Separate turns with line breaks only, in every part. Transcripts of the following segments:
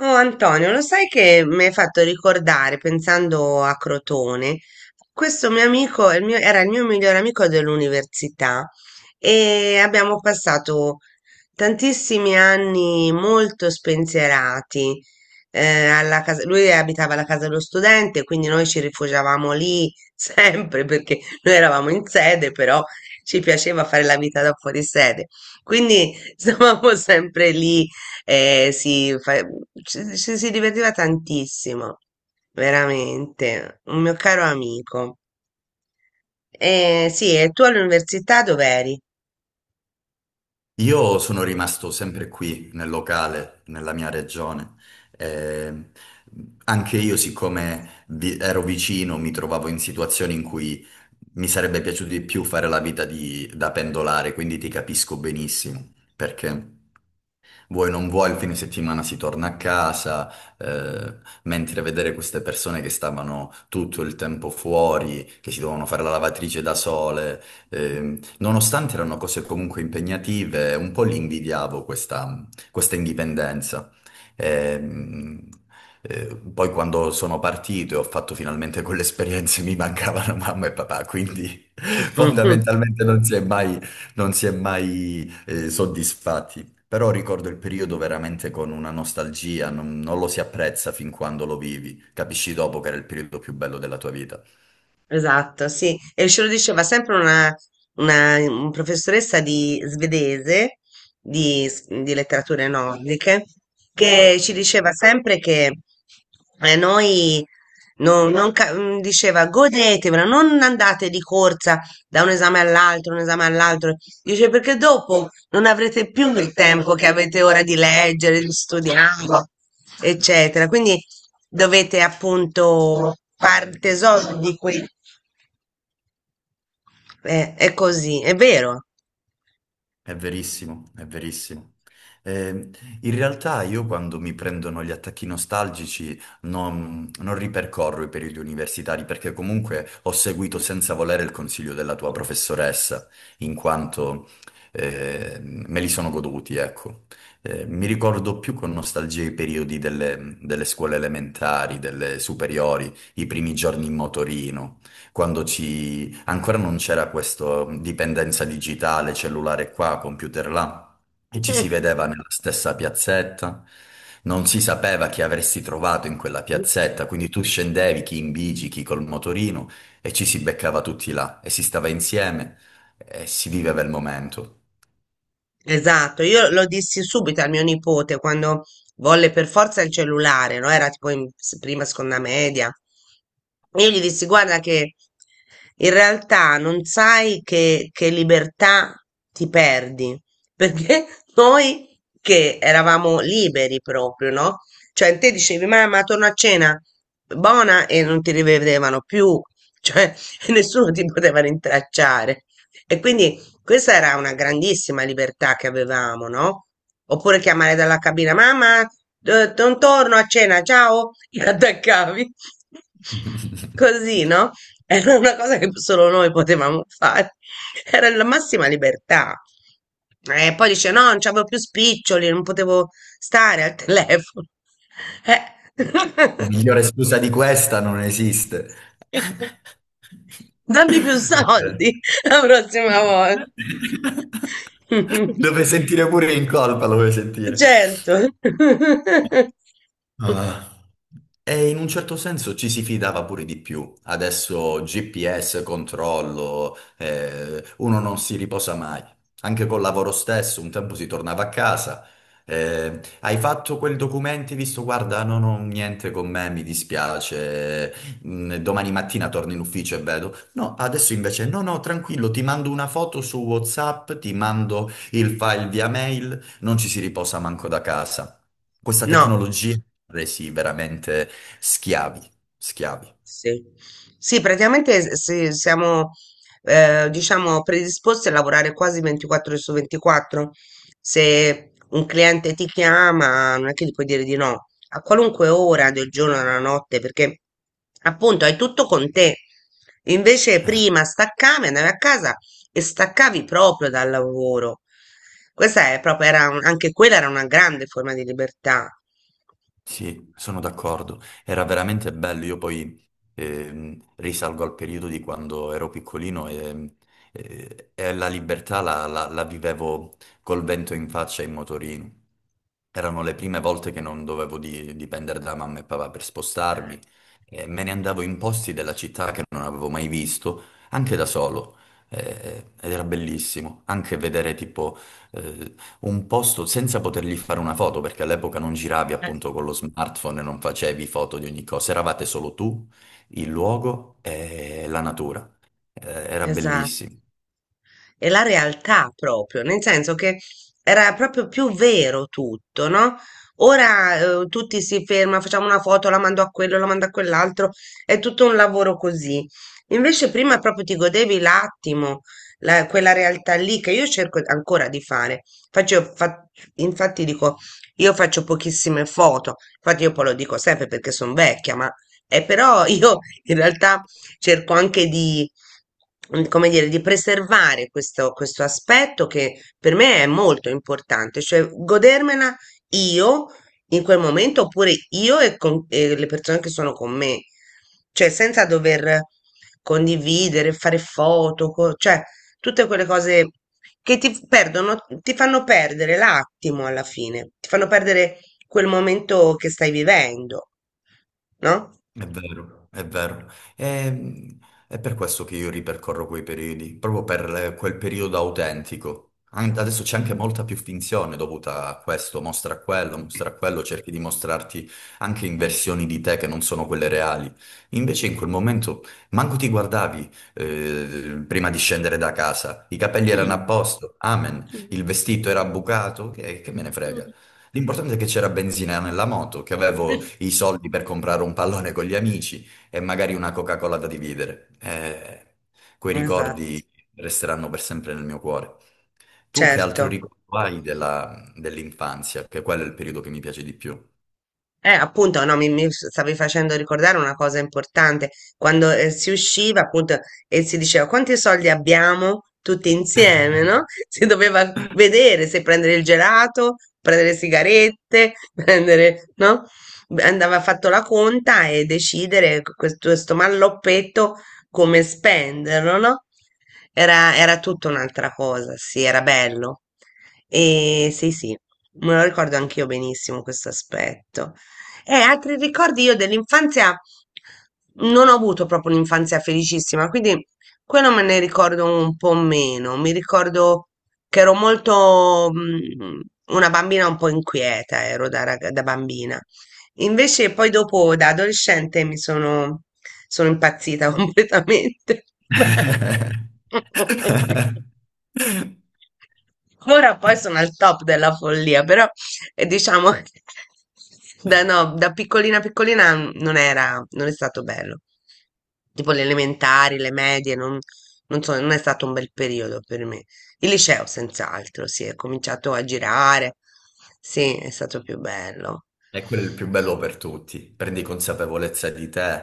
Oh Antonio, lo sai che mi hai fatto ricordare, pensando a Crotone, questo mio amico, era il mio migliore amico dell'università e abbiamo passato tantissimi anni molto spensierati. Lui abitava alla casa dello studente, quindi noi ci rifugiavamo lì sempre perché noi eravamo in sede, però ci piaceva fare la vita da fuori sede. Quindi stavamo sempre lì. Si, ci si divertiva tantissimo, veramente, un mio caro amico. Sì, e tu all'università dov'eri?
Io sono rimasto sempre qui nel locale, nella mia regione. Eh, Anche io, siccome ero vicino, mi trovavo in situazioni in cui mi sarebbe piaciuto di più fare la vita da pendolare, quindi ti capisco benissimo perché vuoi non vuoi, il fine settimana si torna a casa, eh, mentre vedere queste persone che stavano tutto il tempo fuori, che si dovevano fare la lavatrice da sole, nonostante erano cose comunque impegnative, un po' li invidiavo questa indipendenza. Ehm, Poi quando sono partito e ho fatto finalmente quelle esperienze mi mancavano mamma e papà, quindi fondamentalmente non si è mai soddisfatti. Però ricordo il periodo veramente con una nostalgia, non lo si apprezza fin quando lo vivi. Capisci dopo che era il periodo più bello della tua vita.
Esatto, sì. E ce lo diceva sempre un professoressa di svedese, di letterature nordiche, che ci diceva sempre che noi, no- non ca- mm, diceva godetevela, non andate di corsa da un esame all'altro, un esame all'altro. Dice perché dopo non avrete più il tempo che avete ora di leggere, di studiare, eccetera. Quindi dovete appunto far tesoro di quei… È così, è vero.
È verissimo, è verissimo. Eh, In realtà io quando mi prendono gli attacchi nostalgici non ripercorro i periodi universitari perché comunque ho seguito senza volere il consiglio della tua professoressa, in quanto me li sono goduti, ecco. Mi ricordo più con nostalgia i periodi delle scuole elementari, delle superiori, i primi giorni in motorino, quando ci ancora non c'era questa dipendenza digitale, cellulare qua, computer là, e ci si vedeva. Mm. Nella stessa piazzetta. Non si sapeva chi avresti trovato in quella piazzetta, quindi tu scendevi, chi in bici, chi col motorino, e ci si beccava tutti là, e si stava insieme, e si viveva il momento.
Esatto, io lo dissi subito al mio nipote quando volle per forza il cellulare, no? Era tipo prima, seconda media. Io gli dissi, guarda che in realtà non sai che libertà ti perdi, perché noi che eravamo liberi proprio, no? Cioè te dicevi, mamma, torno a cena, buona, e non ti rivedevano più, cioè nessuno ti poteva rintracciare. E quindi questa era una grandissima libertà che avevamo, no? Oppure chiamare dalla cabina, mamma, non torno a cena, ciao, e attaccavi. Così, no? Era una cosa che solo noi potevamo fare. Era la massima libertà. E poi dice, no, non c'avevo più spiccioli, non potevo stare al telefono. Eh.
Migliore scusa di questa non esiste.
Dammi più soldi la prossima volta.
Dove sentire pure in colpa, lo vuoi sentire?
Certo.
Ah. E in un certo senso ci si fidava pure di più. Adesso GPS, controllo, uno non si riposa mai. Anche col lavoro stesso, un tempo si tornava a casa. Eh, hai fatto quel documento, hai visto, guarda, non ho niente con me, mi dispiace. Domani mattina torno in ufficio e vedo. No, adesso invece, no, no, tranquillo, ti mando una foto su WhatsApp, ti mando il file via mail, non ci si riposa manco da casa. Questa
No.
tecnologia resi veramente schiavi, schiavi.
Sì, sì, praticamente sì, siamo, diciamo, predisposti a lavorare quasi 24 ore su 24. Se un cliente ti chiama, non è che gli puoi dire di no, a qualunque ora del giorno e della notte, perché appunto hai tutto con te. Invece prima staccavi, andavi a casa e staccavi proprio dal lavoro. Questa è proprio, anche quella era una grande forma di libertà.
Sì, sono d'accordo. Era veramente bello. Io poi risalgo al periodo di quando ero piccolino e, e la libertà la vivevo col vento in faccia in motorino. Erano le prime volte che non dovevo dipendere da mamma e papà per
Eh.
spostarmi e me ne andavo in posti della città che non avevo mai visto, anche da solo. Ed era bellissimo anche vedere tipo eh, un posto senza potergli fare una foto, perché all'epoca non giravi
Eh,
appunto con lo smartphone, e non facevi foto di ogni cosa, eravate solo tu, il luogo e la natura. Eh, era
Esatto.
bellissimo.
E la realtà proprio, nel senso che era proprio più vero tutto, no? Ora tutti si ferma, facciamo una foto, la mando a quello, la mando a quell'altro, è tutto un lavoro così. Invece prima proprio ti godevi l'attimo, quella realtà lì che io cerco ancora di fare. Faccio, fa- Infatti dico, io faccio pochissime foto, infatti io poi lo dico sempre perché sono vecchia, ma però io in realtà cerco anche di come dire, di preservare questo aspetto che per me è molto importante, cioè godermela io in quel momento oppure e le persone che sono con me, cioè senza dover condividere, fare foto, cioè tutte quelle cose che ti perdono, ti fanno perdere l'attimo alla fine, ti fanno perdere quel momento che stai vivendo, no?
È vero, è vero. E- È, per questo che io ripercorro quei periodi, proprio per quel periodo autentico. Adesso c'è anche molta più finzione dovuta a questo, mostra quello, cerchi di mostrarti anche in versioni di te che non sono quelle reali. Invece in quel momento manco ti guardavi prima di scendere da casa, i capelli erano a posto, amen, il vestito era bucato, che me ne frega.
Mm.
L'importante è che c'era benzina nella moto, che avevo i soldi per comprare un pallone con gli amici e magari una Coca-Cola da dividere. Quei
Esatto,
ricordi resteranno per sempre nel mio cuore. Tu che altro
certo.
ricordo hai dell'infanzia? Che quello è il periodo che mi piace di più.
Appunto, no, mi stavi facendo ricordare una cosa importante. Quando si usciva, appunto, e si diceva quanti soldi abbiamo tutti insieme, no? Si doveva vedere se prendere il gelato, prendere le sigarette, prendere, no? Andava fatto la conta e decidere questo, questo malloppetto come spenderlo, no? Era tutta un'altra cosa, sì, era bello. E sì, sì, me lo ricordo anch'io benissimo questo aspetto. E altri ricordi io dell'infanzia… Non ho avuto proprio un'infanzia felicissima, quindi quello me ne ricordo un po' meno. Mi ricordo che ero molto una bambina un po' inquieta, ero da bambina. Invece poi dopo da adolescente sono impazzita completamente. Ora poi sono al top della follia, però e diciamo che da piccolina piccolina non è stato bello. Tipo le elementari, le medie, non so, non è stato un bel periodo per me. Il liceo, senz'altro, sì, è cominciato a girare. Sì, è stato più bello.
E quello è il più bello per tutti. Prendi consapevolezza di te,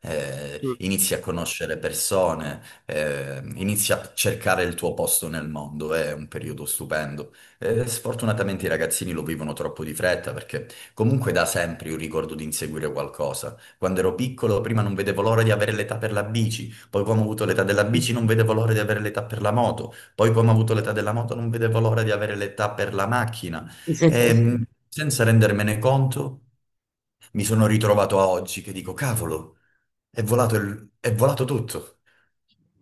Mm.
inizi a conoscere persone, inizi a cercare il tuo posto nel mondo. È un periodo stupendo. Sfortunatamente i ragazzini lo vivono troppo di fretta perché comunque da sempre io ricordo di inseguire qualcosa. Quando ero piccolo, prima non vedevo l'ora di avere l'età per la bici, poi quando ho avuto l'età della bici non vedevo l'ora di avere l'età per la moto, poi quando ho avuto l'età della moto non vedevo l'ora di avere l'età per la macchina. E senza rendermene conto, mi sono ritrovato a oggi che dico, cavolo, è volato, è volato tutto.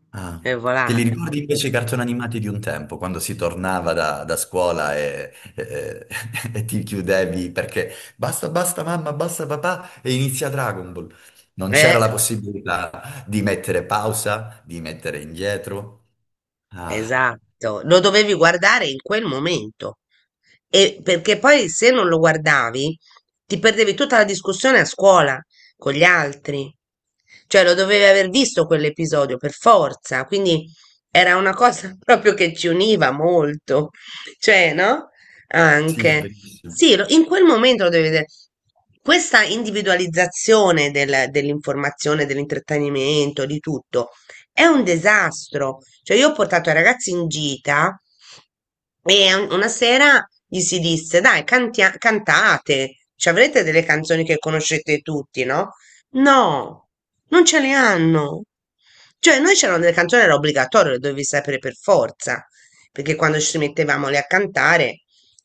Ah,
È
te li
volato.
ricordi invece i cartoni animati di un tempo, quando si tornava da scuola e, e ti chiudevi perché basta, basta mamma, basta papà e inizia Dragon Ball. Non c'era
Eh?
la possibilità di mettere pausa, di mettere indietro. Ah,
Esatto, lo dovevi guardare in quel momento. E perché poi se non lo guardavi, ti perdevi tutta la discussione a scuola con gli altri. Cioè, lo dovevi aver visto quell'episodio per forza, quindi era una cosa proprio che ci univa molto. Cioè, no?
sì, è
Anche.
bellissimo.
Sì, in quel momento lo devi vedere. Questa individualizzazione dell'informazione, dell'intrattenimento, di tutto è un disastro. Cioè, io ho portato i ragazzi in gita e una sera gli si disse: Dai, cantate, ci avrete delle canzoni che conoscete tutti, no? No, non ce le hanno. Cioè, noi c'erano delle canzoni, era obbligatorio, le dovevi sapere per forza, perché quando ci mettevamo lì a cantare,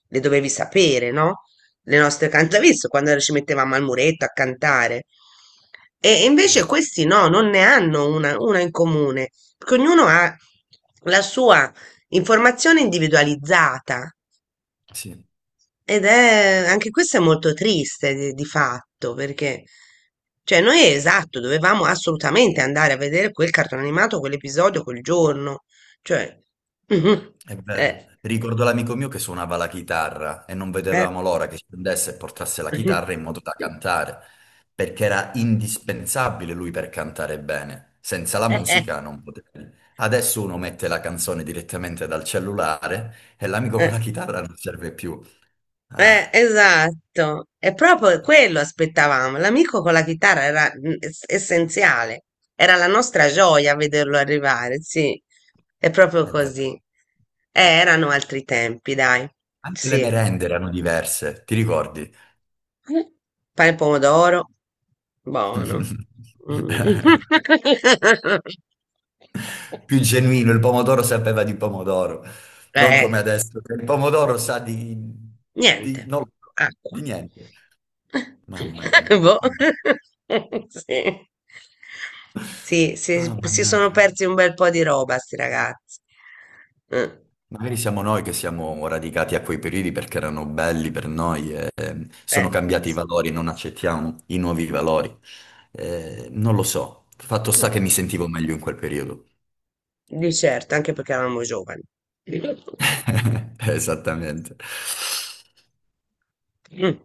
le dovevi sapere, no? Le nostre cantatrici quando ci mettevamo al muretto a cantare. E invece
Eh,
questi no, non ne hanno una in comune, perché ognuno ha la sua informazione individualizzata
sì.
ed è anche questo è molto triste di fatto, perché cioè noi esatto, dovevamo assolutamente andare a vedere quel cartone animato, quell'episodio, quel giorno, cioè
È vero.
eh,
Ricordo l'amico mio che suonava la chitarra e non
eh.
vedevamo l'ora che scendesse e portasse la chitarra in modo da cantare, perché era indispensabile lui per cantare bene. Senza la
Eh,
musica non potevi. Adesso uno mette la canzone direttamente dal cellulare e l'amico con
eh.
la chitarra non serve più. Ah,
Esatto, è proprio quello aspettavamo. L'amico con la chitarra era essenziale, era la nostra gioia vederlo arrivare, sì, è proprio
è vero.
così. Erano altri tempi, dai,
Anche le
sì.
merende erano diverse, ti ricordi?
Pane e pomodoro, buono. Mm.
Più genuino, il pomodoro sapeva di pomodoro, non come
Eh.
adesso, che il pomodoro sa di,
Niente,
non lo so,
acqua.
di niente. Mamma mia.
Boh.
Mamma mia.
Sì. Sì,
Ah,
si si sono
mannaggia.
persi un bel po' di roba, sti ragazzi. Mm.
Magari siamo noi che siamo radicati a quei periodi perché erano belli per noi e
Eh,
sono cambiati i valori, non accettiamo i nuovi valori. Non lo so. Fatto sta che
mm,
mi sentivo meglio in quel periodo.
Di certo, anche perché eravamo giovani.
Esattamente.
Mm.